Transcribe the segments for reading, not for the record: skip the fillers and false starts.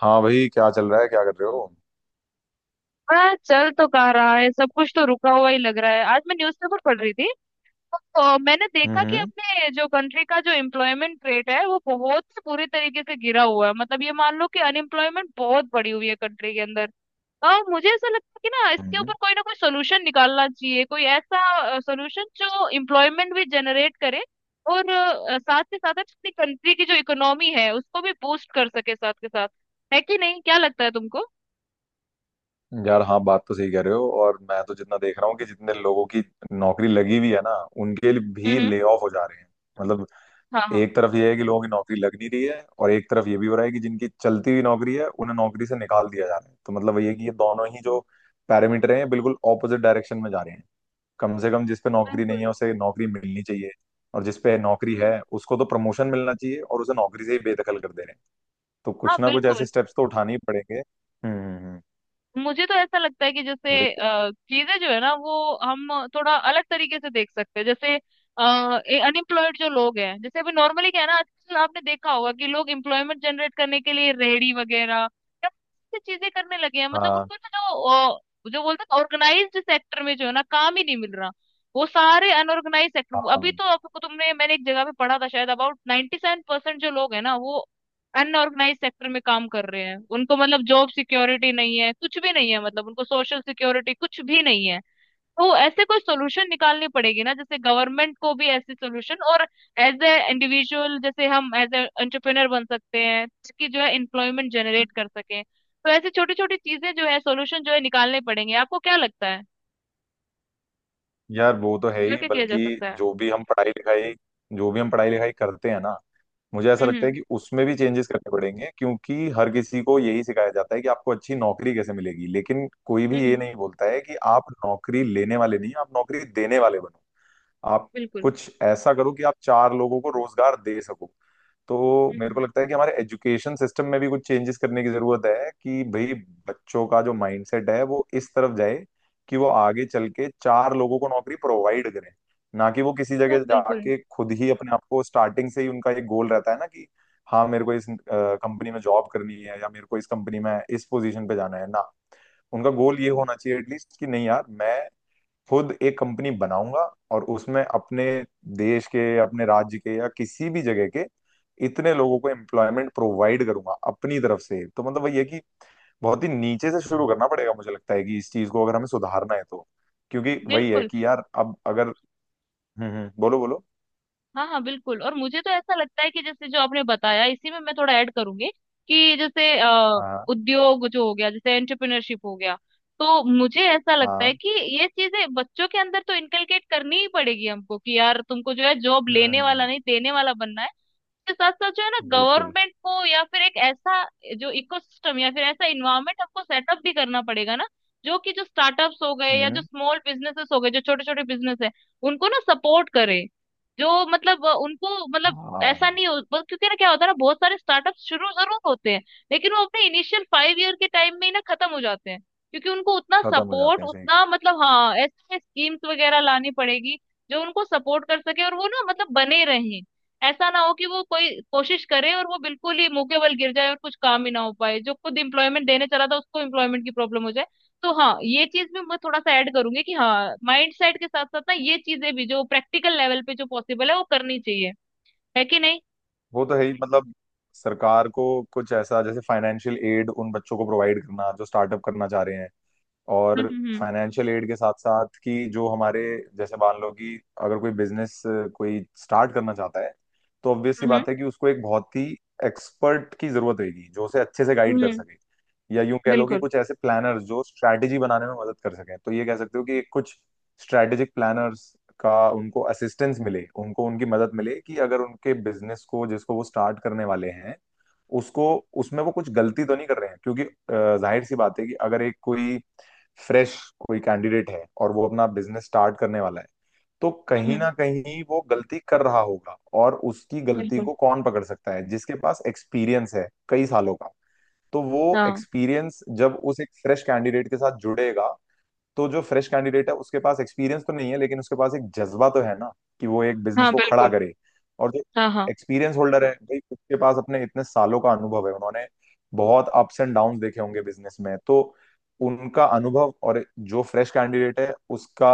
हाँ भाई, क्या चल रहा है? क्या कर रहे हो? हाँ, चल तो कह रहा है। सब कुछ तो रुका हुआ ही लग रहा है। आज मैं न्यूज़पेपर पढ़ रही थी तो मैंने देखा कि हम्म। अपने जो कंट्री का जो एम्प्लॉयमेंट रेट है वो बहुत ही बुरी तरीके से गिरा हुआ है। मतलब ये मान लो कि अनएम्प्लॉयमेंट बहुत बढ़ी हुई है कंट्री के अंदर। और मुझे ऐसा लगता है कि ना इसके ऊपर हम्म। कोई ना कोई सोल्यूशन निकालना चाहिए, कोई ऐसा सोल्यूशन जो एम्प्लॉयमेंट भी जनरेट करे और साथ के साथ अपनी कंट्री की जो इकोनॉमी है उसको भी बूस्ट कर सके साथ के साथ। है कि नहीं, क्या लगता है तुमको? हम्म। यार हाँ, बात तो सही कह रहे हो। और मैं तो जितना देख रहा हूँ कि जितने लोगों की नौकरी लगी हुई है ना, उनके लिए भी हम्म। ले ऑफ हो जा रहे हैं। मतलब हाँ, हाँ, एक तरफ ये है कि लोगों की नौकरी लग नहीं रही है और एक तरफ ये भी हो रहा है कि जिनकी चलती हुई नौकरी है उन्हें नौकरी से निकाल दिया जा रहा है। तो मतलब वही है कि ये दोनों ही जो पैरामीटर हैं बिल्कुल ऑपोजिट डायरेक्शन में जा रहे हैं। कम से कम जिस पे नौकरी नहीं बिल्कुल। है उसे नौकरी मिलनी चाहिए, और जिस पे नौकरी है उसको तो प्रमोशन मिलना चाहिए, और उसे नौकरी से ही बेदखल कर दे रहे हैं। तो हाँ, कुछ ना कुछ ऐसे बिल्कुल। स्टेप्स तो उठाने ही पड़ेंगे। हम्म, हम्म। मुझे तो ऐसा लगता है कि वही। जैसे चीजें जो है ना वो हम थोड़ा अलग तरीके से देख सकते हैं। जैसे अनएम्प्लॉयड जो लोग हैं, जैसे अभी नॉर्मली क्या है ना, आजकल आपने देखा होगा कि लोग एम्प्लॉयमेंट जनरेट करने के लिए रेहड़ी वगैरह या ऐसी चीजें करने लगे हैं। मतलब हाँ, उनको ना जो जो बोलते हैं ऑर्गेनाइज्ड सेक्टर में जो है ना काम ही नहीं मिल रहा। वो सारे अनऑर्गेनाइज सेक्टर, अभी हाँ। तो आपको तुमने मैंने एक जगह पे पढ़ा था शायद अबाउट 97% जो लोग है ना वो अनऑर्गेनाइज सेक्टर में काम कर रहे हैं। उनको मतलब जॉब सिक्योरिटी नहीं है, कुछ भी नहीं है, मतलब उनको सोशल सिक्योरिटी कुछ भी नहीं है। तो ऐसे कोई सोल्यूशन निकालनी पड़ेगी ना, जैसे गवर्नमेंट को भी ऐसे सोल्यूशन, और एज ए इंडिविजुअल जैसे हम एज ए एंटरप्रेनर बन सकते हैं, ताकि जो है एम्प्लॉयमेंट जनरेट कर सके। तो ऐसी छोटी छोटी चीजें जो है सोल्यूशन जो है निकालने पड़ेंगे। आपको क्या लगता है यार वो तो है क्या ही। क्या किया जा बल्कि सकता है? जो भी हम पढ़ाई लिखाई करते हैं ना, मुझे ऐसा लगता है हम्म, कि उसमें भी चेंजेस करने पड़ेंगे, क्योंकि हर किसी को यही सिखाया जाता है कि आपको अच्छी नौकरी कैसे मिलेगी, लेकिन कोई भी ये हम्म, नहीं बोलता है कि आप नौकरी लेने वाले नहीं, आप नौकरी देने वाले बनो। आप बिल्कुल। कुछ ऐसा करो कि आप चार लोगों को रोजगार दे सको। तो मेरे हम्म। को लगता है कि हमारे एजुकेशन सिस्टम में भी कुछ चेंजेस करने की जरूरत है कि भाई, बच्चों का जो माइंडसेट है वो इस तरफ जाए कि वो आगे चल के चार लोगों को नौकरी प्रोवाइड करें, ना कि वो किसी हाँ, जगह बिल्कुल, जाके खुद ही अपने आप को स्टार्टिंग से ही उनका एक गोल रहता है ना, कि हाँ मेरे को इस कंपनी में जॉब करनी है या मेरे को इस कंपनी में इस पोजीशन पे जाना है। ना, उनका गोल ये होना चाहिए एटलीस्ट कि नहीं यार, मैं खुद एक कंपनी बनाऊंगा और उसमें अपने देश के, अपने राज्य के, या किसी भी जगह के इतने लोगों को एम्प्लॉयमेंट प्रोवाइड करूंगा अपनी तरफ से। तो मतलब वही है कि बहुत ही नीचे से शुरू करना पड़ेगा। मुझे लगता है कि इस चीज को अगर हमें सुधारना है तो, क्योंकि वही है बिल्कुल। कि यार अब अगर। हम्म, हम्म। बोलो, बोलो। हाँ, हाँ, बिल्कुल। और मुझे तो ऐसा लगता है कि जैसे जो आपने बताया इसी में मैं थोड़ा ऐड करूंगी, कि जैसे हाँ, उद्योग जो हो गया, जैसे एंटरप्रेन्योरशिप हो गया, तो मुझे ऐसा लगता हाँ। है कि ये चीजें बच्चों के अंदर तो इनकलकेट करनी ही पड़ेगी हमको कि यार तुमको जो है जॉब हम्म। लेने वाला नहीं, देने वाला बनना है। के साथ साथ जो है ना हम्म। बिल्कुल। गवर्नमेंट को या फिर एक ऐसा जो इकोसिस्टम या फिर ऐसा इन्वायरमेंट आपको सेटअप भी करना पड़ेगा ना, जो कि जो स्टार्टअप्स हो गए या जो हम्म। स्मॉल बिजनेसेस हो गए, जो छोटे छोटे बिजनेस है उनको ना सपोर्ट करे। जो मतलब उनको हाँ, मतलब हाँ, ऐसा हाँ। नहीं हो बस। क्योंकि ना क्या होता है ना, बहुत सारे स्टार्टअप शुरू जरूर होते हैं, लेकिन वो अपने इनिशियल 5 ईयर के टाइम में ही ना खत्म हो जाते हैं। क्योंकि उनको उतना खत्म हो सपोर्ट जाते हैं, सही। उतना मतलब, हाँ ऐसे स्कीम्स वगैरह लानी पड़ेगी जो उनको सपोर्ट कर सके और वो ना मतलब बने रहे। ऐसा ना हो कि वो कोई कोशिश करे और वो बिल्कुल ही मुंह के बल गिर जाए और कुछ काम ही ना हो पाए, जो खुद एम्प्लॉयमेंट देने चला था उसको एम्प्लॉयमेंट की प्रॉब्लम हो जाए। तो हाँ ये चीज भी मैं थोड़ा सा ऐड करूंगी कि हाँ, माइंड सेट के साथ साथ ना ये चीजें भी जो प्रैक्टिकल लेवल पे जो पॉसिबल है वो करनी चाहिए। है कि नहीं? वो तो है ही मतलब, सरकार को कुछ ऐसा जैसे फाइनेंशियल एड उन बच्चों को प्रोवाइड करना जो स्टार्टअप करना चाह रहे हैं। हम्म, और हम्म, फाइनेंशियल एड के साथ साथ कि जो हमारे, जैसे मान लो कि अगर कोई बिजनेस कोई स्टार्ट करना चाहता है, तो ऑब्वियस सी हम्म, बात है कि उसको एक बहुत ही एक्सपर्ट की जरूरत रहेगी जो उसे अच्छे से हम्म, गाइड कर सके। या यूं कह लो कि बिल्कुल। कुछ ऐसे प्लानर्स जो स्ट्रैटेजी बनाने में मदद कर सकें, तो ये कह सकते हो कि कुछ स्ट्रैटेजिक प्लानर्स का उनको असिस्टेंस मिले, उनको उनकी मदद मिले, कि अगर उनके बिजनेस को जिसको वो स्टार्ट करने वाले हैं उसको, उसमें वो कुछ गलती तो नहीं कर रहे हैं। क्योंकि जाहिर सी बात है कि अगर एक कोई फ्रेश कोई कैंडिडेट है और वो अपना बिजनेस स्टार्ट करने वाला है, तो कहीं ना हम्म, कहीं वो गलती कर रहा होगा। और उसकी गलती बिल्कुल। को कौन पकड़ सकता है? जिसके पास एक्सपीरियंस है कई सालों का। तो वो हाँ, एक्सपीरियंस जब उस एक फ्रेश कैंडिडेट के साथ जुड़ेगा, तो जो फ्रेश कैंडिडेट है उसके पास एक्सपीरियंस तो नहीं है, लेकिन उसके पास एक जज्बा तो है ना कि वो एक बिजनेस हाँ, को खड़ा बिल्कुल। करे। और जो हाँ, हाँ। एक्सपीरियंस होल्डर है भाई, उसके पास अपने इतने सालों का अनुभव है, उन्होंने बहुत अप्स एंड डाउन्स देखे होंगे बिजनेस में। तो उनका अनुभव, और जो फ्रेश कैंडिडेट है उसका,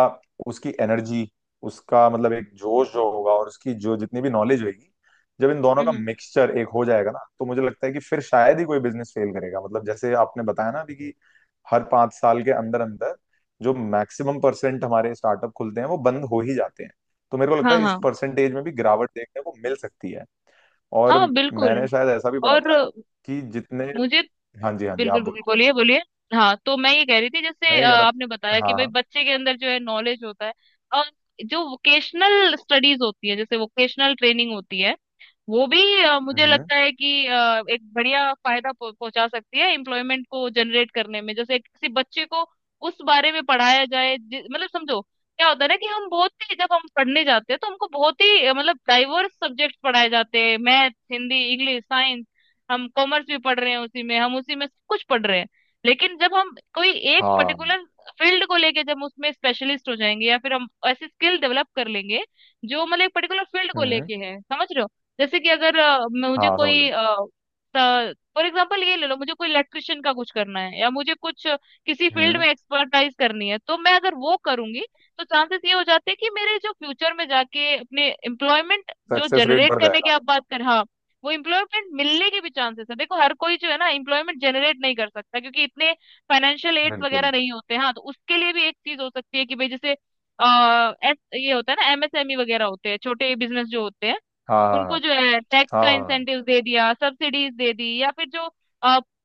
उसकी एनर्जी, उसका मतलब एक जोश जो होगा, और उसकी जो जितनी भी नॉलेज होगी, जब इन दोनों का हम्म। मिक्सचर एक हो जाएगा ना, तो मुझे लगता है कि फिर शायद ही कोई बिजनेस फेल करेगा। मतलब जैसे आपने बताया ना अभी कि हर 5 साल के अंदर अंदर जो मैक्सिमम परसेंट हमारे स्टार्टअप खुलते हैं वो बंद हो ही जाते हैं। तो मेरे को लगता हाँ, है इस हाँ, परसेंटेज में भी गिरावट देखने को मिल सकती है। और हाँ, बिल्कुल। मैंने शायद ऐसा भी पढ़ा और था कि जितने। मुझे। हाँ जी, हाँ जी, आप बिल्कुल, बिल्कुल, बोलो। बोलिए, बोलिए। हाँ तो मैं ये कह रही थी जैसे मैं ये कह रहा आपने था, बताया कि हाँ भाई हाँ। बच्चे के अंदर जो है नॉलेज होता है और जो वोकेशनल स्टडीज होती है, जैसे वोकेशनल ट्रेनिंग होती है, वो भी मुझे हम्म। लगता है कि एक बढ़िया फायदा पहुंचा सकती है एम्प्लॉयमेंट को जनरेट करने में। जैसे किसी बच्चे को उस बारे में पढ़ाया जाए मतलब समझो क्या होता है ना, कि हम बहुत ही जब हम पढ़ने जाते हैं तो हमको बहुत ही मतलब डाइवर्स सब्जेक्ट पढ़ाए जाते हैं। Math, Hindi, English, science. हम कॉमर्स भी पढ़ रहे हैं उसी में, हम उसी में सब कुछ पढ़ रहे हैं। लेकिन जब हम कोई एक हाँ। पर्टिकुलर फील्ड को लेके जब उसमें स्पेशलिस्ट हो जाएंगे, या फिर हम ऐसी स्किल डेवलप कर लेंगे जो मतलब एक पर्टिकुलर फील्ड को हम्म। लेके है, समझ रहे हो? जैसे कि अगर मुझे हाँ, समझ कोई, लो। फॉर एग्जाम्पल ये ले लो, मुझे कोई इलेक्ट्रिशियन का कुछ करना है, या मुझे कुछ किसी फील्ड हम्म। में एक्सपर्टाइज करनी है तो मैं अगर वो करूंगी तो चांसेस ये हो जाते हैं कि मेरे जो फ्यूचर में जाके अपने एम्प्लॉयमेंट जो सक्सेस रेट जनरेट बढ़ करने की जाएगा। आप बात कर, हाँ, वो एम्प्लॉयमेंट मिलने के भी चांसेस है। देखो हर कोई जो है ना एम्प्लॉयमेंट जनरेट नहीं कर सकता, क्योंकि इतने फाइनेंशियल एड्स वगैरह बिल्कुल। नहीं होते हैं। हाँ तो उसके लिए भी एक चीज हो सकती है कि भाई, जैसे ये होता है ना एमएसएमई वगैरह होते हैं, छोटे बिजनेस जो होते हैं, हाँ, हाँ, उनको जो है टैक्स हाँ। का हाँ, हाँ, इंसेंटिव दे दिया, सब्सिडीज दे दी, या फिर जो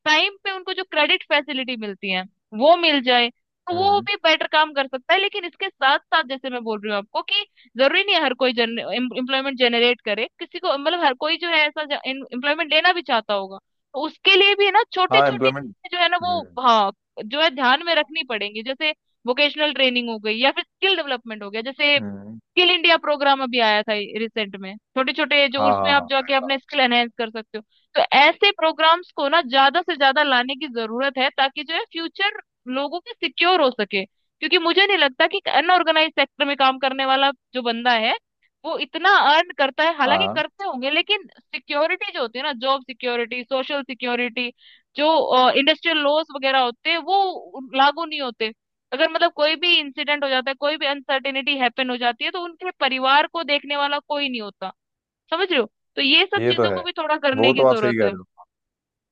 टाइम पे उनको जो क्रेडिट फैसिलिटी मिलती है वो मिल जाए, तो वो हम्म। भी बेटर काम कर सकता है। लेकिन इसके साथ साथ जैसे मैं बोल रही हूँ आपको कि जरूरी नहीं है हर कोई जन एम्प्लॉयमेंट जनरेट करे। किसी को मतलब हर कोई जो है ऐसा एम्प्लॉयमेंट लेना भी चाहता होगा, तो उसके लिए भी है ना छोटी हाँ, छोटी एम्प्लॉयमेंट। जो है ना वो, हम्म। हाँ, जो है ध्यान में रखनी पड़ेंगी। जैसे वोकेशनल ट्रेनिंग हो गई, या फिर स्किल डेवलपमेंट हो गया, जैसे हम्म। स्किल इंडिया प्रोग्राम अभी आया था रिसेंट में, छोटे छोटे जो हाँ, उसमें हाँ, आप हाँ, जाके अपने स्किल एनहेंस कर सकते हो। तो ऐसे प्रोग्राम्स को ना ज्यादा से ज्यादा लाने की जरूरत है ताकि जो है फ्यूचर लोगों के सिक्योर हो सके। क्योंकि मुझे नहीं लगता कि अनऑर्गेनाइज सेक्टर में काम करने वाला जो बंदा है वो इतना अर्न करता है, हालांकि हाँ। करते होंगे, लेकिन सिक्योरिटी जो होती है ना, जॉब सिक्योरिटी, सोशल सिक्योरिटी, जो इंडस्ट्रियल लॉस वगैरह होते हैं वो लागू नहीं होते। अगर मतलब कोई भी इंसिडेंट हो जाता है, कोई भी अनसर्टेनिटी हैपन हो जाती है, तो उनके परिवार को देखने वाला कोई नहीं होता, समझ रहे हो? तो ये सब ये तो चीजों है, को भी थोड़ा करने वो की तो आप सही जरूरत कह है। रहे हो।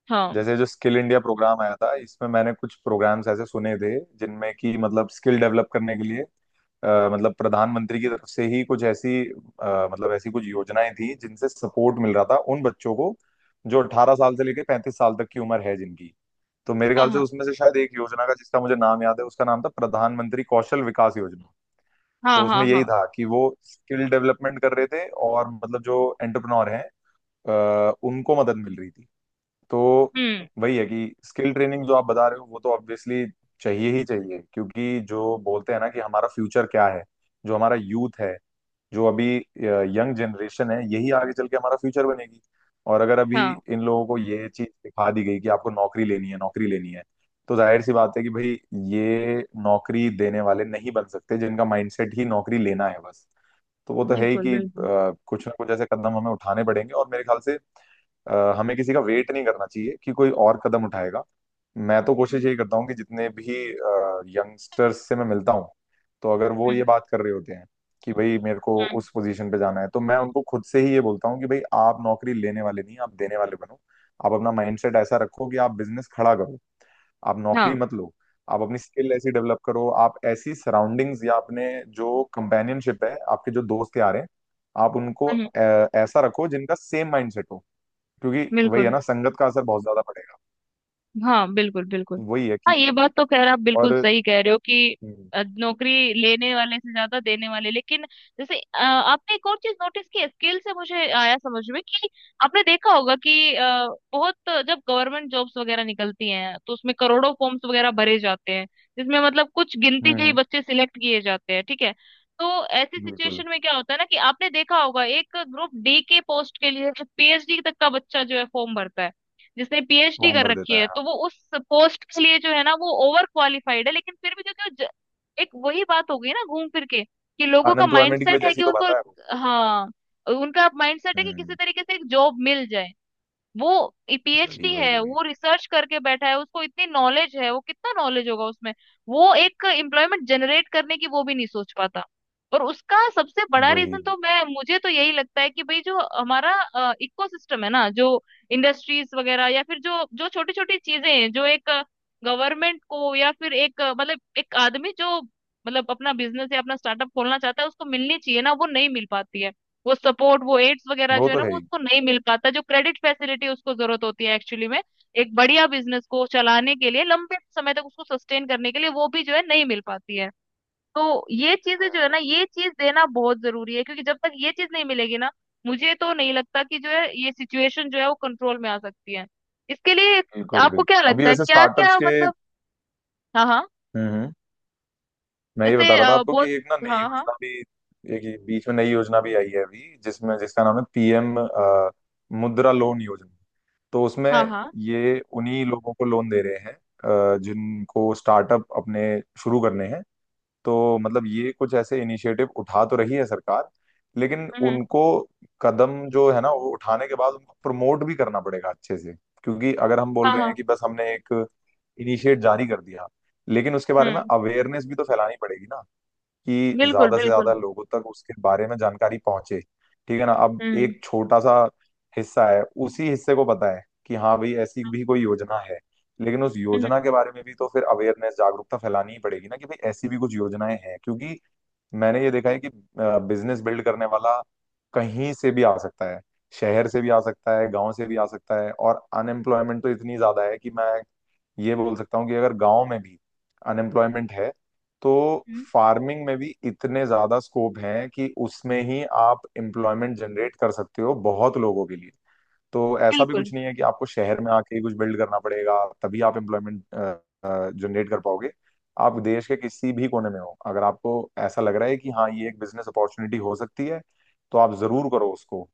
हाँ, जैसे जो स्किल इंडिया प्रोग्राम आया था, इसमें मैंने कुछ प्रोग्राम्स ऐसे सुने थे जिनमें कि मतलब स्किल डेवलप करने के लिए मतलब प्रधानमंत्री की तरफ से ही कुछ ऐसी मतलब ऐसी कुछ योजनाएं थी जिनसे सपोर्ट मिल रहा था उन बच्चों को जो 18 साल से लेकर 35 साल तक की उम्र है जिनकी। तो मेरे हाँ, ख्याल से हाँ, उसमें से शायद एक योजना का जिसका मुझे नाम याद है, उसका नाम था प्रधानमंत्री कौशल विकास योजना। हाँ, तो हाँ, उसमें यही हाँ। था कि वो स्किल डेवलपमेंट कर रहे थे, और मतलब जो एंटरप्रेन्योर हैं उनको मदद मिल रही थी। तो हम्म। वही है कि स्किल ट्रेनिंग जो आप बता रहे हो वो तो ऑब्वियसली चाहिए ही चाहिए, क्योंकि जो बोलते हैं ना कि हमारा फ्यूचर क्या है, जो हमारा यूथ है, जो अभी यंग जनरेशन है, यही आगे चल के हमारा फ्यूचर बनेगी। और अगर अभी हाँ, इन लोगों को ये चीज सिखा दी गई कि आपको नौकरी लेनी है, नौकरी लेनी है, तो जाहिर सी बात है कि भाई ये नौकरी देने वाले नहीं बन सकते जिनका माइंडसेट ही नौकरी लेना है बस। तो वो तो है ही बिल्कुल, कि बिल्कुल। कुछ ना कुछ ऐसे कदम हमें उठाने पड़ेंगे। और मेरे ख्याल से हमें किसी का वेट नहीं करना चाहिए कि कोई और कदम उठाएगा। मैं तो कोशिश हम्म, यही करता हूँ कि जितने भी यंगस्टर्स से मैं मिलता हूँ, तो अगर वो हम्म, ये बात कर रहे होते हैं कि भाई मेरे को हम्म, उस पोजीशन पे जाना है, तो मैं उनको खुद से ही ये बोलता हूँ कि भाई आप नौकरी लेने वाले नहीं, आप देने वाले बनो। आप अपना माइंडसेट ऐसा रखो कि आप बिजनेस खड़ा करो, आप नौकरी हाँ, मत लो। आप अपनी स्किल ऐसी डेवलप करो, आप ऐसी सराउंडिंग्स या अपने जो कंपेनियनशिप है, आपके जो दोस्त यार हैं, आप उनको हम्म, ऐसा रखो जिनका सेम माइंडसेट हो, क्योंकि वही है बिल्कुल। ना, संगत का असर बहुत ज्यादा पड़ेगा। हाँ, बिल्कुल, बिल्कुल। वही है कि, हाँ, ये बात तो खैर आप बिल्कुल और। सही कह रहे हो कि हम्म, नौकरी लेने वाले से ज्यादा देने वाले, लेकिन जैसे आपने एक और चीज नोटिस की, स्किल से मुझे आया समझ में, कि आपने देखा होगा कि बहुत जब गवर्नमेंट जॉब्स वगैरह निकलती हैं तो उसमें करोड़ों फॉर्म्स वगैरह भरे जाते हैं, जिसमें मतलब कुछ गिनती के ही हम्म, बच्चे सिलेक्ट किए जाते हैं, ठीक है? तो ऐसी बिल्कुल। सिचुएशन में क्या होता है ना, कि आपने देखा होगा एक ग्रुप डी के पोस्ट के लिए पीएचडी तक का बच्चा जो है फॉर्म भरता है, जिसने पीएचडी फॉर्म कर भर रखी देता है। है। तो वो उस पोस्ट के लिए जो है ना वो ओवर क्वालिफाइड है, लेकिन फिर भी जो कि वो एक वही बात हो गई ना, घूम फिर के कि लोगों का अनएम्प्लॉयमेंट की माइंडसेट वजह है से कि ही तो उनको, भर रहा है वो। हाँ, उनका माइंडसेट है कि किसी हम्म। तरीके से एक जॉब मिल जाए। वो वही, पीएचडी वही, है, वही। वो रिसर्च करके बैठा है, उसको इतनी नॉलेज है, वो कितना नॉलेज होगा उसमें, वो एक एम्प्लॉयमेंट जनरेट करने की वो भी नहीं सोच पाता। और उसका सबसे बड़ा वही, वही, रीजन तो वही। मैं मुझे तो यही लगता है कि भाई जो हमारा इकोसिस्टम है ना, जो इंडस्ट्रीज वगैरह या फिर जो जो छोटी छोटी चीजें हैं जो एक गवर्नमेंट को या फिर एक मतलब एक आदमी जो मतलब अपना बिजनेस या अपना स्टार्टअप खोलना चाहता है उसको मिलनी चाहिए ना, वो नहीं मिल पाती है। वो सपोर्ट, वो एड्स वगैरह वो जो है तो ना है वो ही। उसको नहीं मिल पाता, जो क्रेडिट फैसिलिटी उसको जरूरत होती है एक्चुअली में, एक बढ़िया बिजनेस को चलाने के लिए लंबे समय तक उसको सस्टेन करने के लिए, वो भी जो है नहीं मिल पाती है। तो ये चीजें जो है ना ये चीज देना बहुत जरूरी है, क्योंकि जब तक ये चीज नहीं मिलेगी ना, मुझे तो नहीं लगता कि जो है ये सिचुएशन जो है वो कंट्रोल में आ सकती है। इसके लिए बिल्कुल, आपको क्या बिल्कुल। अभी लगता है, वैसे क्या स्टार्टअप्स क्या के। मतलब? हाँ, हाँ। हम्म, हम्म। मैं ये बता जैसे रहा था आपको बहुत। कि एक ना नई हाँ, हाँ, योजना भी, एक ये बीच में नई योजना भी आई है अभी, जिसमें जिसका नाम है पीएम मुद्रा लोन योजना। तो उसमें हाँ, हाँ। ये उन्हीं लोगों को लोन दे रहे हैं जिनको स्टार्टअप अपने शुरू करने हैं। तो मतलब ये कुछ ऐसे इनिशिएटिव उठा तो रही है सरकार, लेकिन हम्म, उनको कदम जो है ना वो उठाने के बाद उनको प्रमोट भी करना पड़ेगा अच्छे से। क्योंकि अगर हम हाँ, बोल रहे हैं हाँ। कि बस हमने एक इनिशिएट जारी कर दिया, लेकिन उसके बारे में हम्म, अवेयरनेस भी तो फैलानी पड़ेगी ना, कि बिल्कुल, ज्यादा से बिल्कुल। ज्यादा लोगों तक उसके बारे में जानकारी पहुंचे। ठीक है ना? अब हम्म, एक छोटा सा हिस्सा है, उसी हिस्से को पता है कि हाँ भाई, ऐसी भी कोई योजना है, लेकिन उस हम्म, योजना के बारे में भी तो फिर अवेयरनेस, जागरूकता फैलानी ही पड़ेगी ना, कि भाई ऐसी भी कुछ योजनाएं हैं। क्योंकि मैंने ये देखा है कि बिजनेस बिल्ड करने वाला कहीं से भी आ सकता है, शहर से भी आ सकता है, गांव से भी आ सकता है। और अनएम्प्लॉयमेंट तो इतनी ज्यादा है कि मैं ये बोल सकता हूँ कि अगर गांव में भी अनएम्प्लॉयमेंट है तो हम्म। फार्मिंग में भी इतने ज्यादा स्कोप हैं कि उसमें ही आप एम्प्लॉयमेंट जनरेट कर सकते हो बहुत लोगों के लिए। तो ऐसा भी बिल्कुल। कुछ नहीं है कि आपको शहर में आके ही कुछ बिल्ड करना पड़ेगा तभी आप एम्प्लॉयमेंट जनरेट कर पाओगे। आप देश के किसी भी कोने में हो, अगर आपको ऐसा लग रहा है कि हाँ ये एक बिजनेस अपॉर्चुनिटी हो सकती है, तो आप जरूर करो उसको।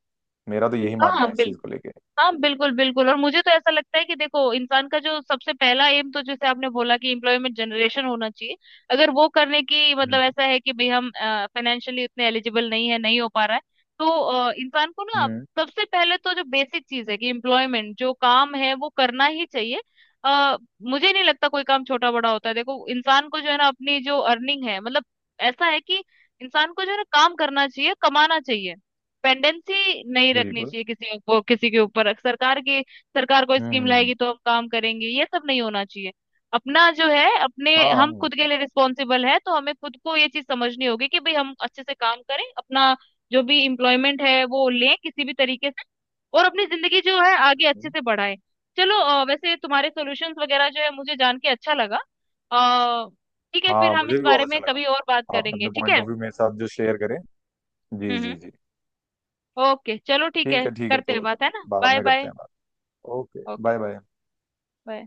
मेरा तो यही हाँ, मानना हाँ, है इस बिल चीज को लेके। हाँ, बिल्कुल, बिल्कुल। और मुझे तो ऐसा लगता है कि देखो इंसान का जो सबसे पहला एम तो, जैसे आपने बोला कि एम्प्लॉयमेंट जनरेशन होना चाहिए, अगर वो करने की मतलब हम्म, ऐसा है कि भाई हम फाइनेंशियली उतने एलिजिबल नहीं है, नहीं हो पा रहा है, तो इंसान को ना हम्म, सबसे पहले तो जो बेसिक चीज है, कि एम्प्लॉयमेंट जो काम है वो करना ही चाहिए। आ, मुझे नहीं लगता कोई काम छोटा बड़ा होता है। देखो इंसान को जो है ना अपनी जो अर्निंग है, मतलब ऐसा है कि इंसान को जो है ना काम करना चाहिए, कमाना चाहिए। डिपेंडेंसी नहीं रखनी बिल्कुल। चाहिए किसी को किसी के ऊपर, सरकार की। सरकार कोई हम्म, स्कीम हम्म। लाएगी तो हम काम करेंगे, ये सब नहीं होना चाहिए। अपना जो है अपने, हाँ, हम हाँ। खुद के लिए रिस्पॉन्सिबल है, तो हमें खुद को ये चीज समझनी होगी कि भाई हम अच्छे से काम करें, अपना जो भी इम्प्लॉयमेंट है वो लें किसी भी तरीके से, और अपनी जिंदगी जो है आगे अच्छे हम्म। से बढ़ाएं। चलो, वैसे तुम्हारे सॉल्यूशंस वगैरह जो है मुझे जान के अच्छा लगा। अ, ठीक है, फिर हाँ, हम मुझे इस भी बहुत बारे अच्छा में लगा। कभी और बात आपने करेंगे, अपने ठीक पॉइंट है? ऑफ व्यू मेरे साथ जो शेयर करें। जी हम्म, जी जी। ओके चलो, ठीक है, ठीक है, ठीक है, करते हैं तो बात, है ना? बाद बाय में बाय। करते हैं बात। Okay, okay bye bye. Bye.